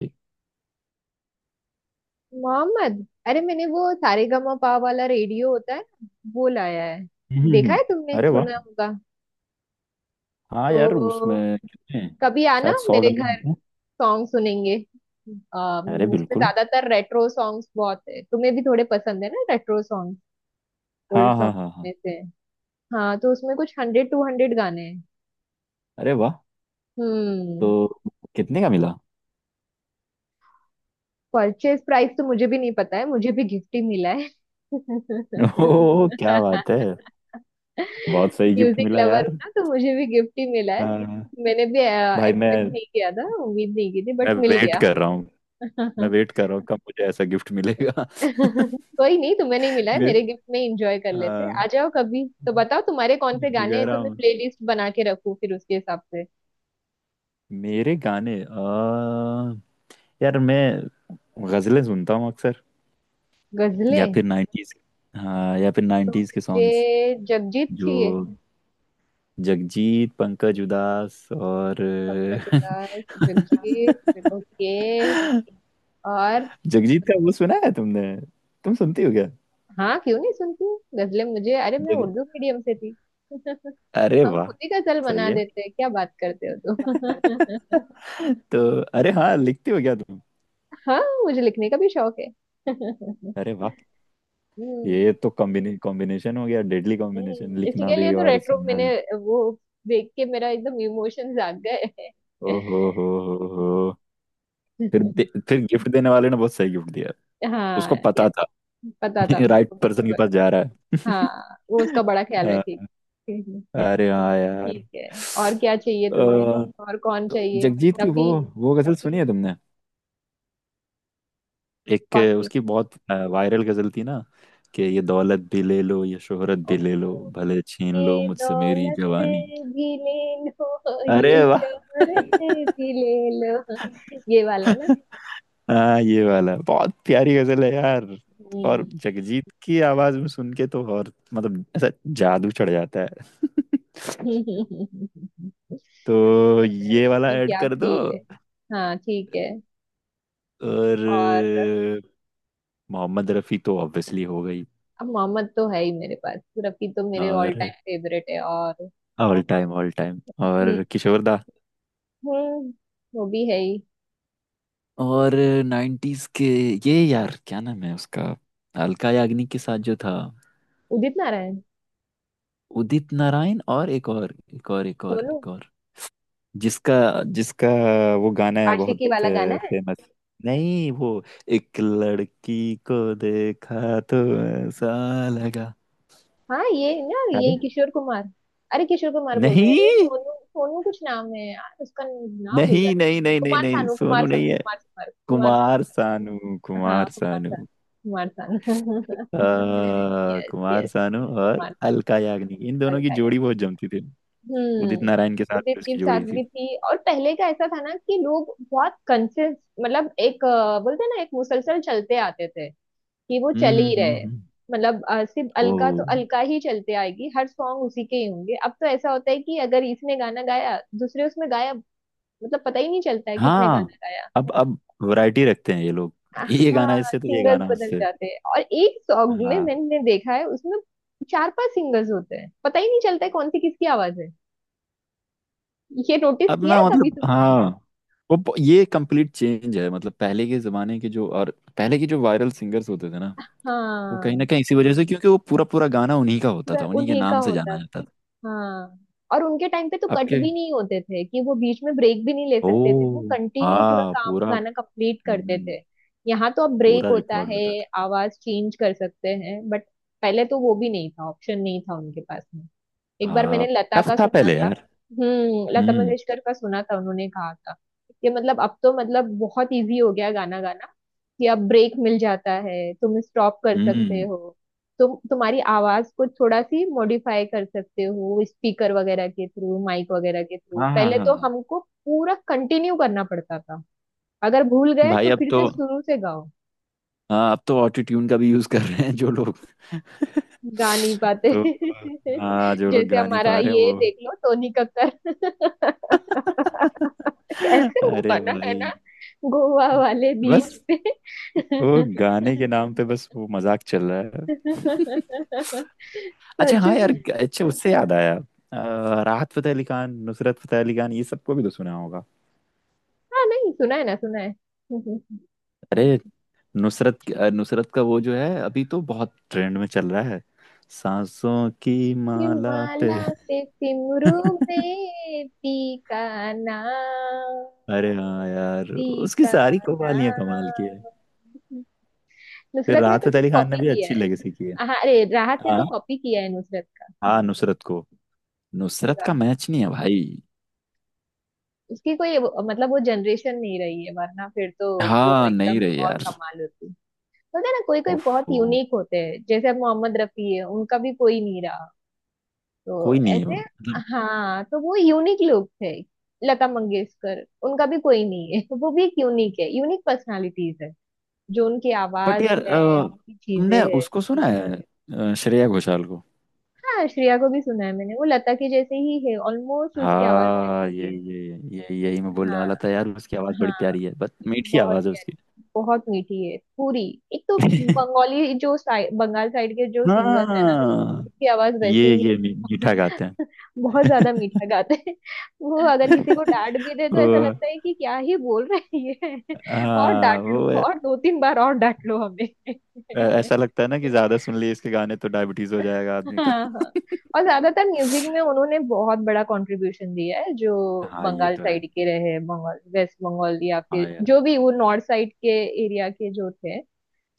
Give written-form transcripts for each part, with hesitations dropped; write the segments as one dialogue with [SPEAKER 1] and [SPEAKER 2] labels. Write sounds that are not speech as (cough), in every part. [SPEAKER 1] ठीक।
[SPEAKER 2] मोहम्मद, अरे मैंने वो सारेगामापा वाला रेडियो होता है ना, वो लाया है।
[SPEAKER 1] हम्म
[SPEAKER 2] देखा
[SPEAKER 1] हम्म।
[SPEAKER 2] है तुमने?
[SPEAKER 1] अरे वाह।
[SPEAKER 2] सुना होगा।
[SPEAKER 1] हाँ यार
[SPEAKER 2] तो
[SPEAKER 1] उसमें कितने हैं?
[SPEAKER 2] कभी आना
[SPEAKER 1] शायद सौ
[SPEAKER 2] मेरे
[SPEAKER 1] गाने
[SPEAKER 2] घर,
[SPEAKER 1] होते हैं।
[SPEAKER 2] सॉन्ग सुनेंगे। अम,
[SPEAKER 1] अरे
[SPEAKER 2] उसमें
[SPEAKER 1] बिल्कुल।
[SPEAKER 2] ज्यादातर रेट्रो सॉन्ग्स बहुत है, तुम्हें भी थोड़े पसंद है ना रेट्रो सॉन्ग, ओल्ड
[SPEAKER 1] हाँ हाँ
[SPEAKER 2] सॉन्ग्स
[SPEAKER 1] हाँ
[SPEAKER 2] में
[SPEAKER 1] हाँ।
[SPEAKER 2] से। हाँ तो उसमें कुछ 100 टू 100 गाने हैं।
[SPEAKER 1] अरे वाह।
[SPEAKER 2] हम्म।
[SPEAKER 1] तो कितने का मिला?
[SPEAKER 2] परचेज प्राइस तो मुझे भी नहीं पता है, मुझे भी गिफ्ट ही मिला है।
[SPEAKER 1] (laughs) ओह क्या बात है।
[SPEAKER 2] (laughs)
[SPEAKER 1] बहुत सही गिफ्ट
[SPEAKER 2] म्यूजिक
[SPEAKER 1] मिला
[SPEAKER 2] लवर
[SPEAKER 1] यार।
[SPEAKER 2] हूँ ना, तो मुझे भी गिफ्ट ही मिला है।
[SPEAKER 1] हाँ।
[SPEAKER 2] मैंने भी
[SPEAKER 1] भाई मैं
[SPEAKER 2] एक्सपेक्ट नहीं किया था, उम्मीद नहीं की थी, बट
[SPEAKER 1] मैं
[SPEAKER 2] मिल
[SPEAKER 1] वेट
[SPEAKER 2] गया।
[SPEAKER 1] कर रहा हूँ। मैं वेट कर रहा हूँ कब मुझे ऐसा गिफ्ट मिलेगा।
[SPEAKER 2] (laughs) कोई नहीं, तुम्हें नहीं मिला
[SPEAKER 1] (laughs)
[SPEAKER 2] है
[SPEAKER 1] मैं
[SPEAKER 2] मेरे गिफ्ट में एंजॉय कर लेते हैं। आ
[SPEAKER 1] हाँ,
[SPEAKER 2] जाओ कभी तो बताओ तुम्हारे कौन
[SPEAKER 1] मैं
[SPEAKER 2] से
[SPEAKER 1] तो
[SPEAKER 2] गाने
[SPEAKER 1] कह
[SPEAKER 2] हैं
[SPEAKER 1] रहा
[SPEAKER 2] तो मैं
[SPEAKER 1] हूँ।
[SPEAKER 2] प्लेलिस्ट बना के रखूँ फिर उसके हिसाब से।
[SPEAKER 1] मेरे गाने आ, यार मैं गजलें सुनता हूँ अक्सर। या
[SPEAKER 2] गजलें?
[SPEAKER 1] फिर 90s। हाँ, या फिर
[SPEAKER 2] तो
[SPEAKER 1] 90s के सॉन्ग्स।
[SPEAKER 2] मुझे जगजीत चाहिए।
[SPEAKER 1] जो जगजीत पंकज उदास और।
[SPEAKER 2] पंकज उधास, जगजीत, ओके। और?
[SPEAKER 1] (laughs) जगजीत का वो सुना है तुमने? तुम सुनती हो क्या?
[SPEAKER 2] हाँ, क्यों नहीं सुनती? गजलें मुझे, अरे मैं
[SPEAKER 1] जग...
[SPEAKER 2] उर्दू मीडियम से थी। (laughs)
[SPEAKER 1] अरे
[SPEAKER 2] हम
[SPEAKER 1] वाह।
[SPEAKER 2] खुद ही गजल
[SPEAKER 1] सही
[SPEAKER 2] बना
[SPEAKER 1] है
[SPEAKER 2] देते हैं, क्या बात करते हो तुम। (laughs)
[SPEAKER 1] तो। अरे हाँ, लिखती हो क्या तुम?
[SPEAKER 2] हाँ, मुझे लिखने का भी शौक है। (laughs) हम्म।
[SPEAKER 1] अरे वाह। ये तो कॉम्बिनेशन हो गया। Deadly combination.
[SPEAKER 2] इसी
[SPEAKER 1] लिखना
[SPEAKER 2] के लिए
[SPEAKER 1] भी
[SPEAKER 2] तो
[SPEAKER 1] और
[SPEAKER 2] रेट्रो
[SPEAKER 1] सुनना
[SPEAKER 2] मैंने
[SPEAKER 1] भी।
[SPEAKER 2] वो देख के मेरा एकदम इमोशन जाग गए।
[SPEAKER 1] ओ हो हो। हो हो। फिर
[SPEAKER 2] हम्म।
[SPEAKER 1] दे,
[SPEAKER 2] (laughs)
[SPEAKER 1] फिर गिफ्ट देने वाले ने बहुत सही गिफ्ट दिया।
[SPEAKER 2] हाँ
[SPEAKER 1] उसको
[SPEAKER 2] यार।
[SPEAKER 1] पता था।
[SPEAKER 2] पता था
[SPEAKER 1] (laughs) राइट
[SPEAKER 2] मुझको, मेरी
[SPEAKER 1] पर्सन के पास
[SPEAKER 2] चॉइस।
[SPEAKER 1] जा रहा है।
[SPEAKER 2] हाँ, वो उसका बड़ा
[SPEAKER 1] (laughs)
[SPEAKER 2] ख्याल
[SPEAKER 1] अ,
[SPEAKER 2] रखेगी। (laughs)
[SPEAKER 1] अरे हाँ यार
[SPEAKER 2] ठीक है। और क्या चाहिए तुम्हें? और कौन
[SPEAKER 1] तो
[SPEAKER 2] चाहिए?
[SPEAKER 1] जगजीत की वो
[SPEAKER 2] रफी।
[SPEAKER 1] वो गजल सुनी है तुमने? एक
[SPEAKER 2] कौन सी?
[SPEAKER 1] उसकी बहुत वायरल गजल थी ना, कि ये दौलत भी ले लो ये शोहरत भी ले लो
[SPEAKER 2] ओहो,
[SPEAKER 1] भले छीन
[SPEAKER 2] ये
[SPEAKER 1] लो मुझसे मेरी
[SPEAKER 2] दौलत
[SPEAKER 1] जवानी।
[SPEAKER 2] भी ले लो
[SPEAKER 1] अरे
[SPEAKER 2] ये
[SPEAKER 1] वाह।
[SPEAKER 2] शोहरत भी ले लो, ये वाला ना।
[SPEAKER 1] हाँ ये वाला बहुत प्यारी गजल है यार। और
[SPEAKER 2] हम्म।
[SPEAKER 1] जगजीत की आवाज में सुन के तो और मतलब ऐसा जादू चढ़ जाता
[SPEAKER 2] (laughs)
[SPEAKER 1] है। (laughs)
[SPEAKER 2] वो
[SPEAKER 1] तो
[SPEAKER 2] तो है,
[SPEAKER 1] ये वाला
[SPEAKER 2] उसमें
[SPEAKER 1] ऐड
[SPEAKER 2] क्या
[SPEAKER 1] कर दो।
[SPEAKER 2] फील है। हाँ ठीक है।
[SPEAKER 1] और
[SPEAKER 2] और?
[SPEAKER 1] अ, मोहम्मद रफी तो ऑब्वियसली हो गई।
[SPEAKER 2] अब मोहम्मद तो है ही मेरे पास। रफी तो मेरे ऑल
[SPEAKER 1] और
[SPEAKER 2] टाइम फेवरेट है। और,
[SPEAKER 1] ऑल टाइम
[SPEAKER 2] हम्म।
[SPEAKER 1] और किशोर दा।
[SPEAKER 2] हम्म, वो भी है ही।
[SPEAKER 1] और 90s के ये यार क्या नाम है उसका? अलका याग्निक के साथ जो था।
[SPEAKER 2] उदित नारायण।
[SPEAKER 1] उदित नारायण। और एक और एक और एक और
[SPEAKER 2] सोनू?
[SPEAKER 1] एक और जिसका जिसका वो गाना है बहुत
[SPEAKER 2] आशिकी वाला गाना?
[SPEAKER 1] फेमस। नहीं वो एक लड़की को देखा तो ऐसा लगा।
[SPEAKER 2] हाँ ये ना,
[SPEAKER 1] याद है?
[SPEAKER 2] यही किशोर कुमार। अरे किशोर कुमार बोल रहे हैं, अरे
[SPEAKER 1] नहीं
[SPEAKER 2] सोनू सोनू कुछ नाम है यार, उसका नाम भूल
[SPEAKER 1] नहीं
[SPEAKER 2] जाती
[SPEAKER 1] नहीं नहीं
[SPEAKER 2] हूँ।
[SPEAKER 1] नहीं
[SPEAKER 2] कुमार
[SPEAKER 1] नहीं,
[SPEAKER 2] सानू, कुमार
[SPEAKER 1] सोनू नहीं
[SPEAKER 2] सानू,
[SPEAKER 1] है।
[SPEAKER 2] कुमार सानू, कुमार सानू।
[SPEAKER 1] कुमार सानू
[SPEAKER 2] हाँ
[SPEAKER 1] कुमार
[SPEAKER 2] कुमार
[SPEAKER 1] सानू।
[SPEAKER 2] सानू, कुमार सानू।
[SPEAKER 1] आ,
[SPEAKER 2] (laughs) yes
[SPEAKER 1] Kumar
[SPEAKER 2] yes.
[SPEAKER 1] Sanu
[SPEAKER 2] yes
[SPEAKER 1] और
[SPEAKER 2] कुमार
[SPEAKER 1] अलका याग्निक इन
[SPEAKER 2] सानू,
[SPEAKER 1] दोनों की
[SPEAKER 2] अलका यार।
[SPEAKER 1] जोड़ी बहुत जमती थी। उदित
[SPEAKER 2] हम्म।
[SPEAKER 1] नारायण के साथ
[SPEAKER 2] उदित
[SPEAKER 1] जो
[SPEAKER 2] की
[SPEAKER 1] इसकी जोड़ी थी।
[SPEAKER 2] सादगी थी, और पहले का ऐसा था ना कि लोग बहुत कंसिस्ट, मतलब एक बोलते हैं ना एक मुसलसल चलते आते थे, कि वो
[SPEAKER 1] हम्म
[SPEAKER 2] चल ही रहे
[SPEAKER 1] हम्म
[SPEAKER 2] हैं।
[SPEAKER 1] हम्म,
[SPEAKER 2] मतलब सिर्फ अलका तो
[SPEAKER 1] ओ
[SPEAKER 2] अलका ही चलते आएगी, हर सॉन्ग उसी के ही होंगे। अब तो ऐसा होता है कि अगर इसने गाना गाया, दूसरे उसमें गायब। मतलब पता ही नहीं चलता है किसने
[SPEAKER 1] हाँ।
[SPEAKER 2] गाना गाया।
[SPEAKER 1] अब वैरायटी रखते हैं ये लोग। ये गाना
[SPEAKER 2] हाँ,
[SPEAKER 1] इससे तो ये
[SPEAKER 2] सिंगर्स
[SPEAKER 1] गाना
[SPEAKER 2] बदल
[SPEAKER 1] उससे।
[SPEAKER 2] जाते हैं, और एक सॉन्ग में
[SPEAKER 1] हाँ,
[SPEAKER 2] मैंने देखा है उसमें 4-5 सिंगर्स होते हैं, पता ही नहीं चलता है कौन सी किसकी आवाज है। ये नोटिस
[SPEAKER 1] अब
[SPEAKER 2] किया
[SPEAKER 1] ना
[SPEAKER 2] है कभी
[SPEAKER 1] मतलब
[SPEAKER 2] तुमने?
[SPEAKER 1] हाँ, ये कंप्लीट चेंज है। मतलब पहले के जमाने के जो और पहले के जो वायरल सिंगर्स होते थे ना, वो कहीं ना
[SPEAKER 2] हाँ
[SPEAKER 1] कहीं इसी वजह से, क्योंकि वो पूरा पूरा गाना उन्हीं का होता
[SPEAKER 2] पूरा
[SPEAKER 1] था, उन्हीं के
[SPEAKER 2] उन्हीं का
[SPEAKER 1] नाम से
[SPEAKER 2] होता।
[SPEAKER 1] जाना जाता था।
[SPEAKER 2] हाँ, और उनके टाइम पे तो
[SPEAKER 1] अब
[SPEAKER 2] कट
[SPEAKER 1] के।
[SPEAKER 2] भी नहीं होते थे, कि वो बीच में ब्रेक भी नहीं ले सकते थे, वो
[SPEAKER 1] ओ
[SPEAKER 2] कंटिन्यू पूरा
[SPEAKER 1] हाँ।
[SPEAKER 2] काम,
[SPEAKER 1] पूरा।
[SPEAKER 2] गाना कंप्लीट करते
[SPEAKER 1] हम्म,
[SPEAKER 2] थे। यहाँ तो अब ब्रेक
[SPEAKER 1] पूरा
[SPEAKER 2] होता
[SPEAKER 1] रिकॉर्ड
[SPEAKER 2] है,
[SPEAKER 1] होता था।
[SPEAKER 2] आवाज चेंज कर सकते हैं, बट पहले तो वो भी नहीं था, ऑप्शन नहीं था उनके पास में। एक बार मैंने
[SPEAKER 1] हाँ
[SPEAKER 2] लता
[SPEAKER 1] टफ
[SPEAKER 2] का
[SPEAKER 1] था
[SPEAKER 2] सुना
[SPEAKER 1] पहले
[SPEAKER 2] था।
[SPEAKER 1] यार।
[SPEAKER 2] हम्म, लता
[SPEAKER 1] हम्म
[SPEAKER 2] मंगेशकर का सुना था, उन्होंने कहा था कि, मतलब अब तो मतलब बहुत इजी हो गया गाना गाना, कि अब ब्रेक मिल जाता है, तुम स्टॉप कर सकते
[SPEAKER 1] हम्म।
[SPEAKER 2] हो, तुम तुम्हारी आवाज को थोड़ा सी मॉडिफाई कर सकते हो स्पीकर वगैरह के थ्रू, माइक वगैरह के थ्रू।
[SPEAKER 1] हाँ हाँ
[SPEAKER 2] पहले
[SPEAKER 1] हाँ
[SPEAKER 2] तो
[SPEAKER 1] हाँ।
[SPEAKER 2] हमको पूरा कंटिन्यू करना पड़ता था, अगर भूल गए
[SPEAKER 1] भाई
[SPEAKER 2] तो
[SPEAKER 1] अब
[SPEAKER 2] फिर
[SPEAKER 1] तो
[SPEAKER 2] से शुरू से गाओ।
[SPEAKER 1] हाँ, अब तो ऑटो ट्यून का भी यूज कर रहे हैं जो लोग।
[SPEAKER 2] गा नहीं
[SPEAKER 1] (laughs)
[SPEAKER 2] पाते।
[SPEAKER 1] तो
[SPEAKER 2] (laughs)
[SPEAKER 1] हाँ, जो लोग
[SPEAKER 2] जैसे
[SPEAKER 1] गा नहीं
[SPEAKER 2] हमारा
[SPEAKER 1] पा रहे हैं
[SPEAKER 2] ये
[SPEAKER 1] वो।
[SPEAKER 2] देख लो, टोनी कक्कर। (laughs)
[SPEAKER 1] (laughs)
[SPEAKER 2] कैसे वो
[SPEAKER 1] अरे
[SPEAKER 2] बना है
[SPEAKER 1] भाई
[SPEAKER 2] ना, गोवा वाले बीच
[SPEAKER 1] बस
[SPEAKER 2] पे। (laughs)
[SPEAKER 1] वो गाने के नाम पे बस वो मजाक चल रहा है। (laughs) अच्छा
[SPEAKER 2] सच
[SPEAKER 1] हाँ यार,
[SPEAKER 2] में।
[SPEAKER 1] अच्छा उससे याद आया। राहत फतेह अली खान, नुसरत फतेह अली खान ये सबको भी तो सुना होगा।
[SPEAKER 2] हाँ नहीं सुना है, ना सुना है। (laughs)
[SPEAKER 1] अरे नुसरत। नुसरत का वो जो है अभी तो बहुत ट्रेंड में चल रहा है, सांसों की
[SPEAKER 2] कि
[SPEAKER 1] माला पे।
[SPEAKER 2] माला पे सिमरू
[SPEAKER 1] (laughs)
[SPEAKER 2] में टीका नाम,
[SPEAKER 1] अरे हाँ यार, उसकी
[SPEAKER 2] टीका
[SPEAKER 1] सारी कवालियां कमाल की है।
[SPEAKER 2] नाम।
[SPEAKER 1] फिर
[SPEAKER 2] नुसरत ने
[SPEAKER 1] राहत
[SPEAKER 2] तो सिर्फ
[SPEAKER 1] अली खान ने
[SPEAKER 2] कॉपी
[SPEAKER 1] भी
[SPEAKER 2] किया
[SPEAKER 1] अच्छी
[SPEAKER 2] है।
[SPEAKER 1] लेगेसी की है।
[SPEAKER 2] हाँ, अरे राहत ने तो
[SPEAKER 1] हाँ।
[SPEAKER 2] कॉपी किया है नुसरत का।
[SPEAKER 1] हाँ नुसरत
[SPEAKER 2] पूरा
[SPEAKER 1] का मैच नहीं है भाई।
[SPEAKER 2] उसकी कोई मतलब वो जनरेशन नहीं रही है, वरना फिर तो वो
[SPEAKER 1] हाँ नहीं
[SPEAKER 2] एकदम
[SPEAKER 1] रहे
[SPEAKER 2] और
[SPEAKER 1] यार।
[SPEAKER 2] कमाल होती। बोलते हैं ना, कोई कोई बहुत
[SPEAKER 1] उफ उफ,
[SPEAKER 2] यूनिक होते हैं, जैसे अब मोहम्मद रफी है, उनका भी कोई नहीं रहा। तो
[SPEAKER 1] कोई नहीं है
[SPEAKER 2] ऐसे,
[SPEAKER 1] मतलब।
[SPEAKER 2] हाँ तो वो यूनिक लोग थे। लता मंगेशकर, उनका भी कोई नहीं है, तो वो भी एक यूनिक है, यूनिक पर्सनालिटीज है, जो उनकी
[SPEAKER 1] बट
[SPEAKER 2] आवाज
[SPEAKER 1] यार
[SPEAKER 2] है, उनकी चीजें
[SPEAKER 1] तुमने
[SPEAKER 2] है।
[SPEAKER 1] उसको सुना है? श्रेया घोषाल को?
[SPEAKER 2] हाँ, श्रेया को भी सुना है मैंने, वो लता के जैसे ही है ऑलमोस्ट, उसकी आवाज
[SPEAKER 1] हाँ
[SPEAKER 2] वैसी है।
[SPEAKER 1] ये यही मैं बोलने
[SPEAKER 2] हाँ,
[SPEAKER 1] वाला था यार, उसकी आवाज बड़ी
[SPEAKER 2] हाँ,
[SPEAKER 1] प्यारी है, बस मीठी
[SPEAKER 2] बहुत
[SPEAKER 1] आवाज है
[SPEAKER 2] प्यारी,
[SPEAKER 1] उसकी।
[SPEAKER 2] बहुत मीठी है पूरी। एक तो
[SPEAKER 1] (laughs)
[SPEAKER 2] बंगाली जो साइड, बंगाल साइड के जो सिंगर्स है ना,
[SPEAKER 1] हाँ
[SPEAKER 2] उसकी आवाज वैसे
[SPEAKER 1] ये
[SPEAKER 2] ही।
[SPEAKER 1] ये मी-
[SPEAKER 2] (laughs)
[SPEAKER 1] मीठा गाते हैं।
[SPEAKER 2] बहुत ज्यादा मीठा गाते हैं। वो अगर किसी को डांट भी दे तो ऐसा
[SPEAKER 1] वो
[SPEAKER 2] लगता है कि क्या ही बोल रहे हैं ये। और
[SPEAKER 1] हाँ
[SPEAKER 2] डांट लो, और 2-3 बार और डांट लो हमें।
[SPEAKER 1] ऐसा लगता है ना कि ज्यादा सुन लिए इसके गाने तो डायबिटीज हो जाएगा आदमी
[SPEAKER 2] हाँ
[SPEAKER 1] का।
[SPEAKER 2] हाँ। और ज्यादातर म्यूजिक में उन्होंने बहुत बड़ा कंट्रीब्यूशन दिया है जो
[SPEAKER 1] हाँ ये
[SPEAKER 2] बंगाल
[SPEAKER 1] तो है।
[SPEAKER 2] साइड के रहे, बंगाल, वेस्ट बंगाल, या
[SPEAKER 1] हाँ
[SPEAKER 2] फिर
[SPEAKER 1] यार।
[SPEAKER 2] जो भी वो नॉर्थ साइड के एरिया के जो थे।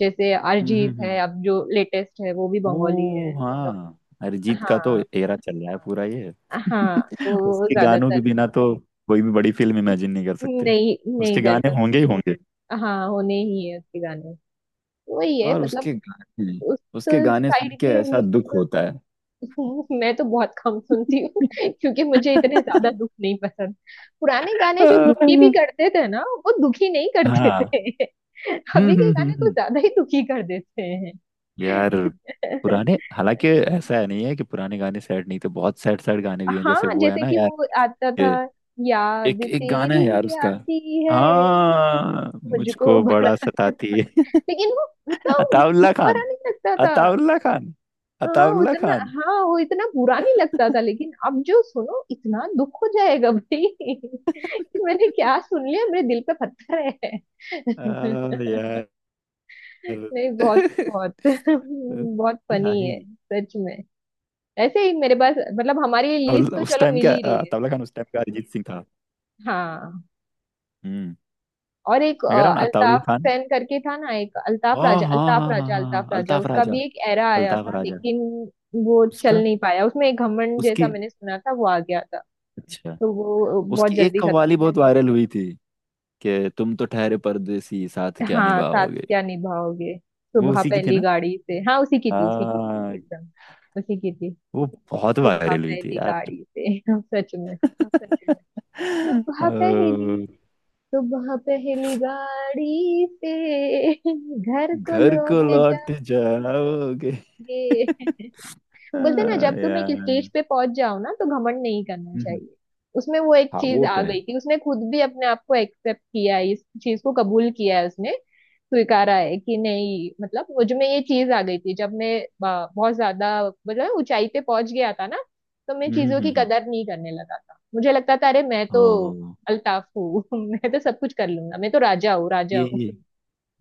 [SPEAKER 2] जैसे
[SPEAKER 1] हम्म
[SPEAKER 2] अरिजीत
[SPEAKER 1] हम्म
[SPEAKER 2] है,
[SPEAKER 1] हम्म।
[SPEAKER 2] अब जो लेटेस्ट है, वो भी
[SPEAKER 1] ओ
[SPEAKER 2] बंगाली है, मतलब।
[SPEAKER 1] हाँ। अरिजीत का तो
[SPEAKER 2] हाँ
[SPEAKER 1] एरा चल रहा है पूरा ये।
[SPEAKER 2] हाँ, तो
[SPEAKER 1] (laughs)
[SPEAKER 2] वो
[SPEAKER 1] उसके गानों
[SPEAKER 2] ज्यादातर।
[SPEAKER 1] के बिना तो कोई भी बड़ी फिल्म इमेजिन नहीं कर सकते।
[SPEAKER 2] नहीं, नहीं
[SPEAKER 1] उसके
[SPEAKER 2] कर
[SPEAKER 1] गाने होंगे ही
[SPEAKER 2] सकता।
[SPEAKER 1] होंगे।
[SPEAKER 2] हाँ, होने ही है उसके गाने। वही है
[SPEAKER 1] और
[SPEAKER 2] मतलब,
[SPEAKER 1] उसके गाने
[SPEAKER 2] उस
[SPEAKER 1] उसके गाने सुन
[SPEAKER 2] साइड
[SPEAKER 1] के
[SPEAKER 2] के
[SPEAKER 1] ऐसा दुख
[SPEAKER 2] लोगों
[SPEAKER 1] होता है।
[SPEAKER 2] को। (laughs) मैं तो बहुत कम सुनती हूँ। (laughs) क्योंकि मुझे इतने ज्यादा दुख नहीं पसंद, पुराने गाने जो दुखी भी
[SPEAKER 1] (laughs)
[SPEAKER 2] करते थे ना, वो दुखी नहीं करते
[SPEAKER 1] हाँ।
[SPEAKER 2] थे। (laughs)
[SPEAKER 1] हम्म
[SPEAKER 2] अभी के
[SPEAKER 1] हम्म हम्म
[SPEAKER 2] गाने कुछ
[SPEAKER 1] हम्म।
[SPEAKER 2] ज्यादा ही दुखी कर देते हैं।
[SPEAKER 1] यार पुराने,
[SPEAKER 2] (laughs)
[SPEAKER 1] हालांकि ऐसा है नहीं है कि पुराने गाने सैड नहीं थे। बहुत सैड सैड गाने भी हैं जैसे
[SPEAKER 2] हाँ
[SPEAKER 1] वो है
[SPEAKER 2] जैसे
[SPEAKER 1] ना
[SPEAKER 2] कि
[SPEAKER 1] यार,
[SPEAKER 2] वो आता था,
[SPEAKER 1] ये
[SPEAKER 2] याद
[SPEAKER 1] एक एक गाना है यार
[SPEAKER 2] तेरी
[SPEAKER 1] उसका।
[SPEAKER 2] आती है,
[SPEAKER 1] हाँ
[SPEAKER 2] मुझको
[SPEAKER 1] मुझको
[SPEAKER 2] बड़ा,
[SPEAKER 1] बड़ा सताती है।
[SPEAKER 2] लेकिन वो उतना
[SPEAKER 1] (laughs)
[SPEAKER 2] दुख
[SPEAKER 1] अताउल्ला खान,
[SPEAKER 2] भरा नहीं लगता था।
[SPEAKER 1] अताउल्ला खान,
[SPEAKER 2] हाँ
[SPEAKER 1] अताउल्ला
[SPEAKER 2] उतना,
[SPEAKER 1] खान।
[SPEAKER 2] हाँ वो इतना बुरा नहीं लगता था,
[SPEAKER 1] (laughs)
[SPEAKER 2] लेकिन अब जो सुनो इतना दुख हो जाएगा भाई। (laughs) कि मैंने क्या सुन लिया, मेरे दिल पे पत्थर है। (laughs)
[SPEAKER 1] आ, यार। (laughs)
[SPEAKER 2] नहीं,
[SPEAKER 1] क्या
[SPEAKER 2] बहुत बहुत (laughs) बहुत फनी
[SPEAKER 1] ही।
[SPEAKER 2] है, सच में। ऐसे ही मेरे पास मतलब हमारी लिस्ट तो
[SPEAKER 1] उस
[SPEAKER 2] चलो
[SPEAKER 1] टाइम
[SPEAKER 2] मिल
[SPEAKER 1] क्या
[SPEAKER 2] ही रही है।
[SPEAKER 1] अताउल्ला खान उस टाइम का अरिजीत सिंह था।
[SPEAKER 2] हाँ,
[SPEAKER 1] हम्म।
[SPEAKER 2] और एक
[SPEAKER 1] मैं कह रहा हूँ ना, अताउल्ला
[SPEAKER 2] अल्ताफ
[SPEAKER 1] खान।
[SPEAKER 2] हुसैन करके था ना, एक अल्ताफ
[SPEAKER 1] हाँ
[SPEAKER 2] राजा,
[SPEAKER 1] हाँ हाँ
[SPEAKER 2] अल्ताफ
[SPEAKER 1] हाँ
[SPEAKER 2] राजा,
[SPEAKER 1] हाँ
[SPEAKER 2] अल्ताफ
[SPEAKER 1] हाँ,
[SPEAKER 2] राजा,
[SPEAKER 1] अल्ताफ
[SPEAKER 2] उसका
[SPEAKER 1] राजा।
[SPEAKER 2] भी एक एरा आया
[SPEAKER 1] अल्ताफ
[SPEAKER 2] था,
[SPEAKER 1] राजा।
[SPEAKER 2] लेकिन वो चल
[SPEAKER 1] उसका
[SPEAKER 2] नहीं पाया। उसमें एक घमंड जैसा
[SPEAKER 1] उसकी
[SPEAKER 2] मैंने सुना था वो आ गया था,
[SPEAKER 1] अच्छा,
[SPEAKER 2] तो वो बहुत
[SPEAKER 1] उसकी एक
[SPEAKER 2] जल्दी खत्म
[SPEAKER 1] कव्वाली
[SPEAKER 2] हो
[SPEAKER 1] बहुत वायरल हुई थी, कि तुम तो ठहरे परदेसी साथ
[SPEAKER 2] गया।
[SPEAKER 1] क्या
[SPEAKER 2] हाँ, साथ
[SPEAKER 1] निभाओगे।
[SPEAKER 2] क्या निभाओगे,
[SPEAKER 1] वो
[SPEAKER 2] सुबह
[SPEAKER 1] उसी की थी
[SPEAKER 2] पहली
[SPEAKER 1] ना?
[SPEAKER 2] गाड़ी से, हाँ उसी की थी, उसी की थी
[SPEAKER 1] हाँ
[SPEAKER 2] एकदम, उसी की थी।
[SPEAKER 1] वो बहुत
[SPEAKER 2] सुबह
[SPEAKER 1] वायरल हुई थी
[SPEAKER 2] पहली
[SPEAKER 1] यार।
[SPEAKER 2] गाड़ी से। (laughs) सच में,
[SPEAKER 1] (laughs) हाँ, सच में। (laughs)
[SPEAKER 2] सुबह पहली,
[SPEAKER 1] ओ,
[SPEAKER 2] सुबह पहली गाड़ी से, घर को
[SPEAKER 1] घर
[SPEAKER 2] लौट
[SPEAKER 1] को लौट जाओगे। (laughs)
[SPEAKER 2] जाएंगे। बोलते हैं ना,
[SPEAKER 1] हाँ,
[SPEAKER 2] जब तुम एक
[SPEAKER 1] यार।
[SPEAKER 2] स्टेज पे पहुंच जाओ ना, तो घमंड नहीं करना
[SPEAKER 1] हम्म।
[SPEAKER 2] चाहिए। उसमें वो एक
[SPEAKER 1] हाँ
[SPEAKER 2] चीज
[SPEAKER 1] वो
[SPEAKER 2] आ
[SPEAKER 1] तो है।
[SPEAKER 2] गई थी, उसने खुद भी अपने आप को एक्सेप्ट किया है, इस चीज को कबूल किया है, उसने स्वीकारा है, कि नहीं मतलब मुझ में ये चीज आ गई थी, जब मैं बहुत ज्यादा मतलब ऊंचाई पे पहुंच गया था ना, तो मैं
[SPEAKER 1] हम्म
[SPEAKER 2] चीजों की
[SPEAKER 1] हम्म
[SPEAKER 2] कदर नहीं करने लगा था, मुझे लगता था अरे मैं तो
[SPEAKER 1] ओ,
[SPEAKER 2] अल्ताफ हूँ। (laughs) मैं तो सब कुछ कर लूंगा, मैं तो राजा हूँ, राजा
[SPEAKER 1] ये
[SPEAKER 2] हूँ।
[SPEAKER 1] ये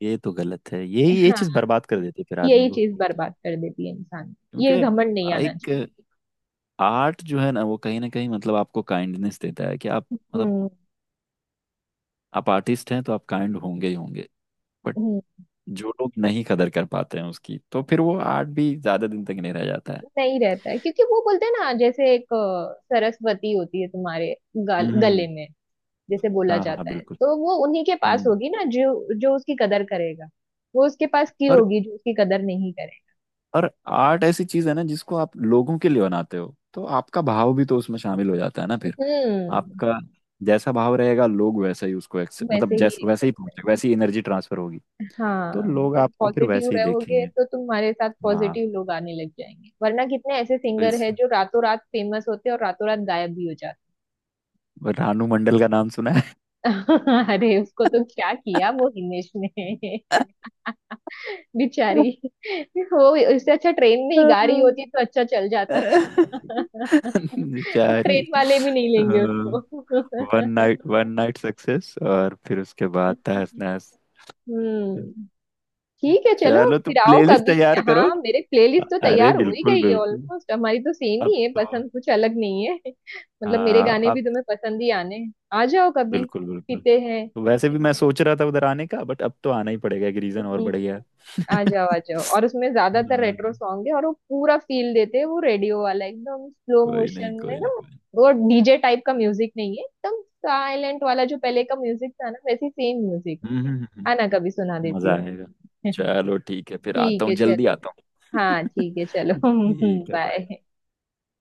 [SPEAKER 1] ये तो गलत है। ये
[SPEAKER 2] (laughs)
[SPEAKER 1] ये
[SPEAKER 2] हाँ,
[SPEAKER 1] चीज बर्बाद कर देती है फिर आदमी
[SPEAKER 2] यही
[SPEAKER 1] को।
[SPEAKER 2] चीज बर्बाद कर देती है इंसान, ये
[SPEAKER 1] क्योंकि
[SPEAKER 2] घमंड नहीं आना
[SPEAKER 1] एक
[SPEAKER 2] चाहिए।
[SPEAKER 1] आर्ट जो है ना, वो कहीं ना कहीं मतलब आपको काइंडनेस देता है कि आप, मतलब आप आर्टिस्ट हैं तो आप काइंड होंगे ही होंगे। बट
[SPEAKER 2] हम्म।
[SPEAKER 1] जो लोग नहीं कदर कर पाते हैं उसकी, तो फिर वो आर्ट भी ज्यादा दिन तक नहीं रह जाता है।
[SPEAKER 2] नहीं रहता है, क्योंकि वो बोलते हैं ना, जैसे एक सरस्वती होती है तुम्हारे गाल, गले
[SPEAKER 1] हम्म।
[SPEAKER 2] में जैसे बोला
[SPEAKER 1] हाँ हाँ
[SPEAKER 2] जाता है,
[SPEAKER 1] बिल्कुल।
[SPEAKER 2] तो वो उन्हीं के पास
[SPEAKER 1] हम्म।
[SPEAKER 2] होगी ना जो जो उसकी कदर करेगा। वो उसके पास की
[SPEAKER 1] और
[SPEAKER 2] होगी जो उसकी कदर नहीं करे।
[SPEAKER 1] और आर्ट ऐसी चीज है ना, जिसको आप लोगों के लिए बनाते हो तो आपका भाव भी तो उसमें शामिल हो जाता है ना। फिर
[SPEAKER 2] हम्म।
[SPEAKER 1] आपका जैसा भाव रहेगा, लोग वैसा ही उसको मतलब
[SPEAKER 2] वैसे ही
[SPEAKER 1] जैस
[SPEAKER 2] एक
[SPEAKER 1] वैसे ही
[SPEAKER 2] करते हैं।
[SPEAKER 1] पहुंचे वैसी एनर्जी ट्रांसफर होगी, तो
[SPEAKER 2] हाँ,
[SPEAKER 1] लोग
[SPEAKER 2] तुम
[SPEAKER 1] आपको फिर
[SPEAKER 2] पॉजिटिव
[SPEAKER 1] वैसे ही
[SPEAKER 2] रहोगे
[SPEAKER 1] देखेंगे।
[SPEAKER 2] तो तुम्हारे साथ
[SPEAKER 1] हाँ।
[SPEAKER 2] पॉजिटिव लोग आने लग जाएंगे, वरना कितने ऐसे सिंगर हैं जो रातों रात फेमस होते हैं और रातों रात गायब भी हो जाते
[SPEAKER 1] रानू मंडल का नाम सुना है?
[SPEAKER 2] हैं। (laughs) अरे उसको तो क्या किया वो हिमेश ने, बेचारी। वो इससे अच्छा ट्रेन में ही गाड़ी होती तो अच्छा चल जाता था। (laughs)
[SPEAKER 1] बेचारी।
[SPEAKER 2] ट्रेन वाले भी नहीं लेंगे उसको।
[SPEAKER 1] One night, one night success और फिर उसके बाद तहस नहस।
[SPEAKER 2] हम्म। ठीक है चलो,
[SPEAKER 1] चलो तुम
[SPEAKER 2] फिर आओ
[SPEAKER 1] प्लेलिस्ट
[SPEAKER 2] कभी।
[SPEAKER 1] तैयार करो।
[SPEAKER 2] हाँ मेरे प्लेलिस्ट तो
[SPEAKER 1] अरे
[SPEAKER 2] तैयार हो ही
[SPEAKER 1] बिल्कुल
[SPEAKER 2] गई है
[SPEAKER 1] बिल्कुल।
[SPEAKER 2] ऑलमोस्ट, हमारी तो सेम
[SPEAKER 1] अब
[SPEAKER 2] ही है
[SPEAKER 1] तो
[SPEAKER 2] पसंद, कुछ अलग नहीं है। (laughs) मतलब मेरे
[SPEAKER 1] हाँ,
[SPEAKER 2] गाने
[SPEAKER 1] अब
[SPEAKER 2] भी तुम्हें पसंद ही आने हैं। आ जाओ कभी,
[SPEAKER 1] बिल्कुल बिल्कुल।
[SPEAKER 2] पीते हैं।
[SPEAKER 1] तो वैसे भी मैं सोच रहा था उधर आने का, बट अब तो आना ही पड़ेगा, एक रीजन और
[SPEAKER 2] हम्म।
[SPEAKER 1] बढ़ गया। (laughs)
[SPEAKER 2] आ जाओ, आ जाओ, और उसमें ज्यादातर
[SPEAKER 1] हाँ,
[SPEAKER 2] रेट्रो सॉन्ग है, और वो पूरा फील देते हैं, वो रेडियो वाला एकदम स्लो
[SPEAKER 1] कोई नहीं
[SPEAKER 2] मोशन में,
[SPEAKER 1] कोई नहीं
[SPEAKER 2] एकदम
[SPEAKER 1] कोई नहीं।
[SPEAKER 2] वो डीजे टाइप का म्यूजिक नहीं है, एकदम साइलेंट वाला जो पहले का म्यूजिक था ना, वैसे सेम म्यूजिक।
[SPEAKER 1] हम्म हम्म, हम्म,
[SPEAKER 2] आना कभी, सुना
[SPEAKER 1] हम्म।
[SPEAKER 2] देती
[SPEAKER 1] मजा
[SPEAKER 2] हूँ।
[SPEAKER 1] आएगा।
[SPEAKER 2] (laughs)
[SPEAKER 1] चलो ठीक है, फिर
[SPEAKER 2] ठीक
[SPEAKER 1] आता हूँ,
[SPEAKER 2] है
[SPEAKER 1] जल्दी आता हूँ।
[SPEAKER 2] चलेगा। हाँ
[SPEAKER 1] (laughs)
[SPEAKER 2] ठीक है चलो। (laughs)
[SPEAKER 1] ठीक है, बाय।
[SPEAKER 2] बाय।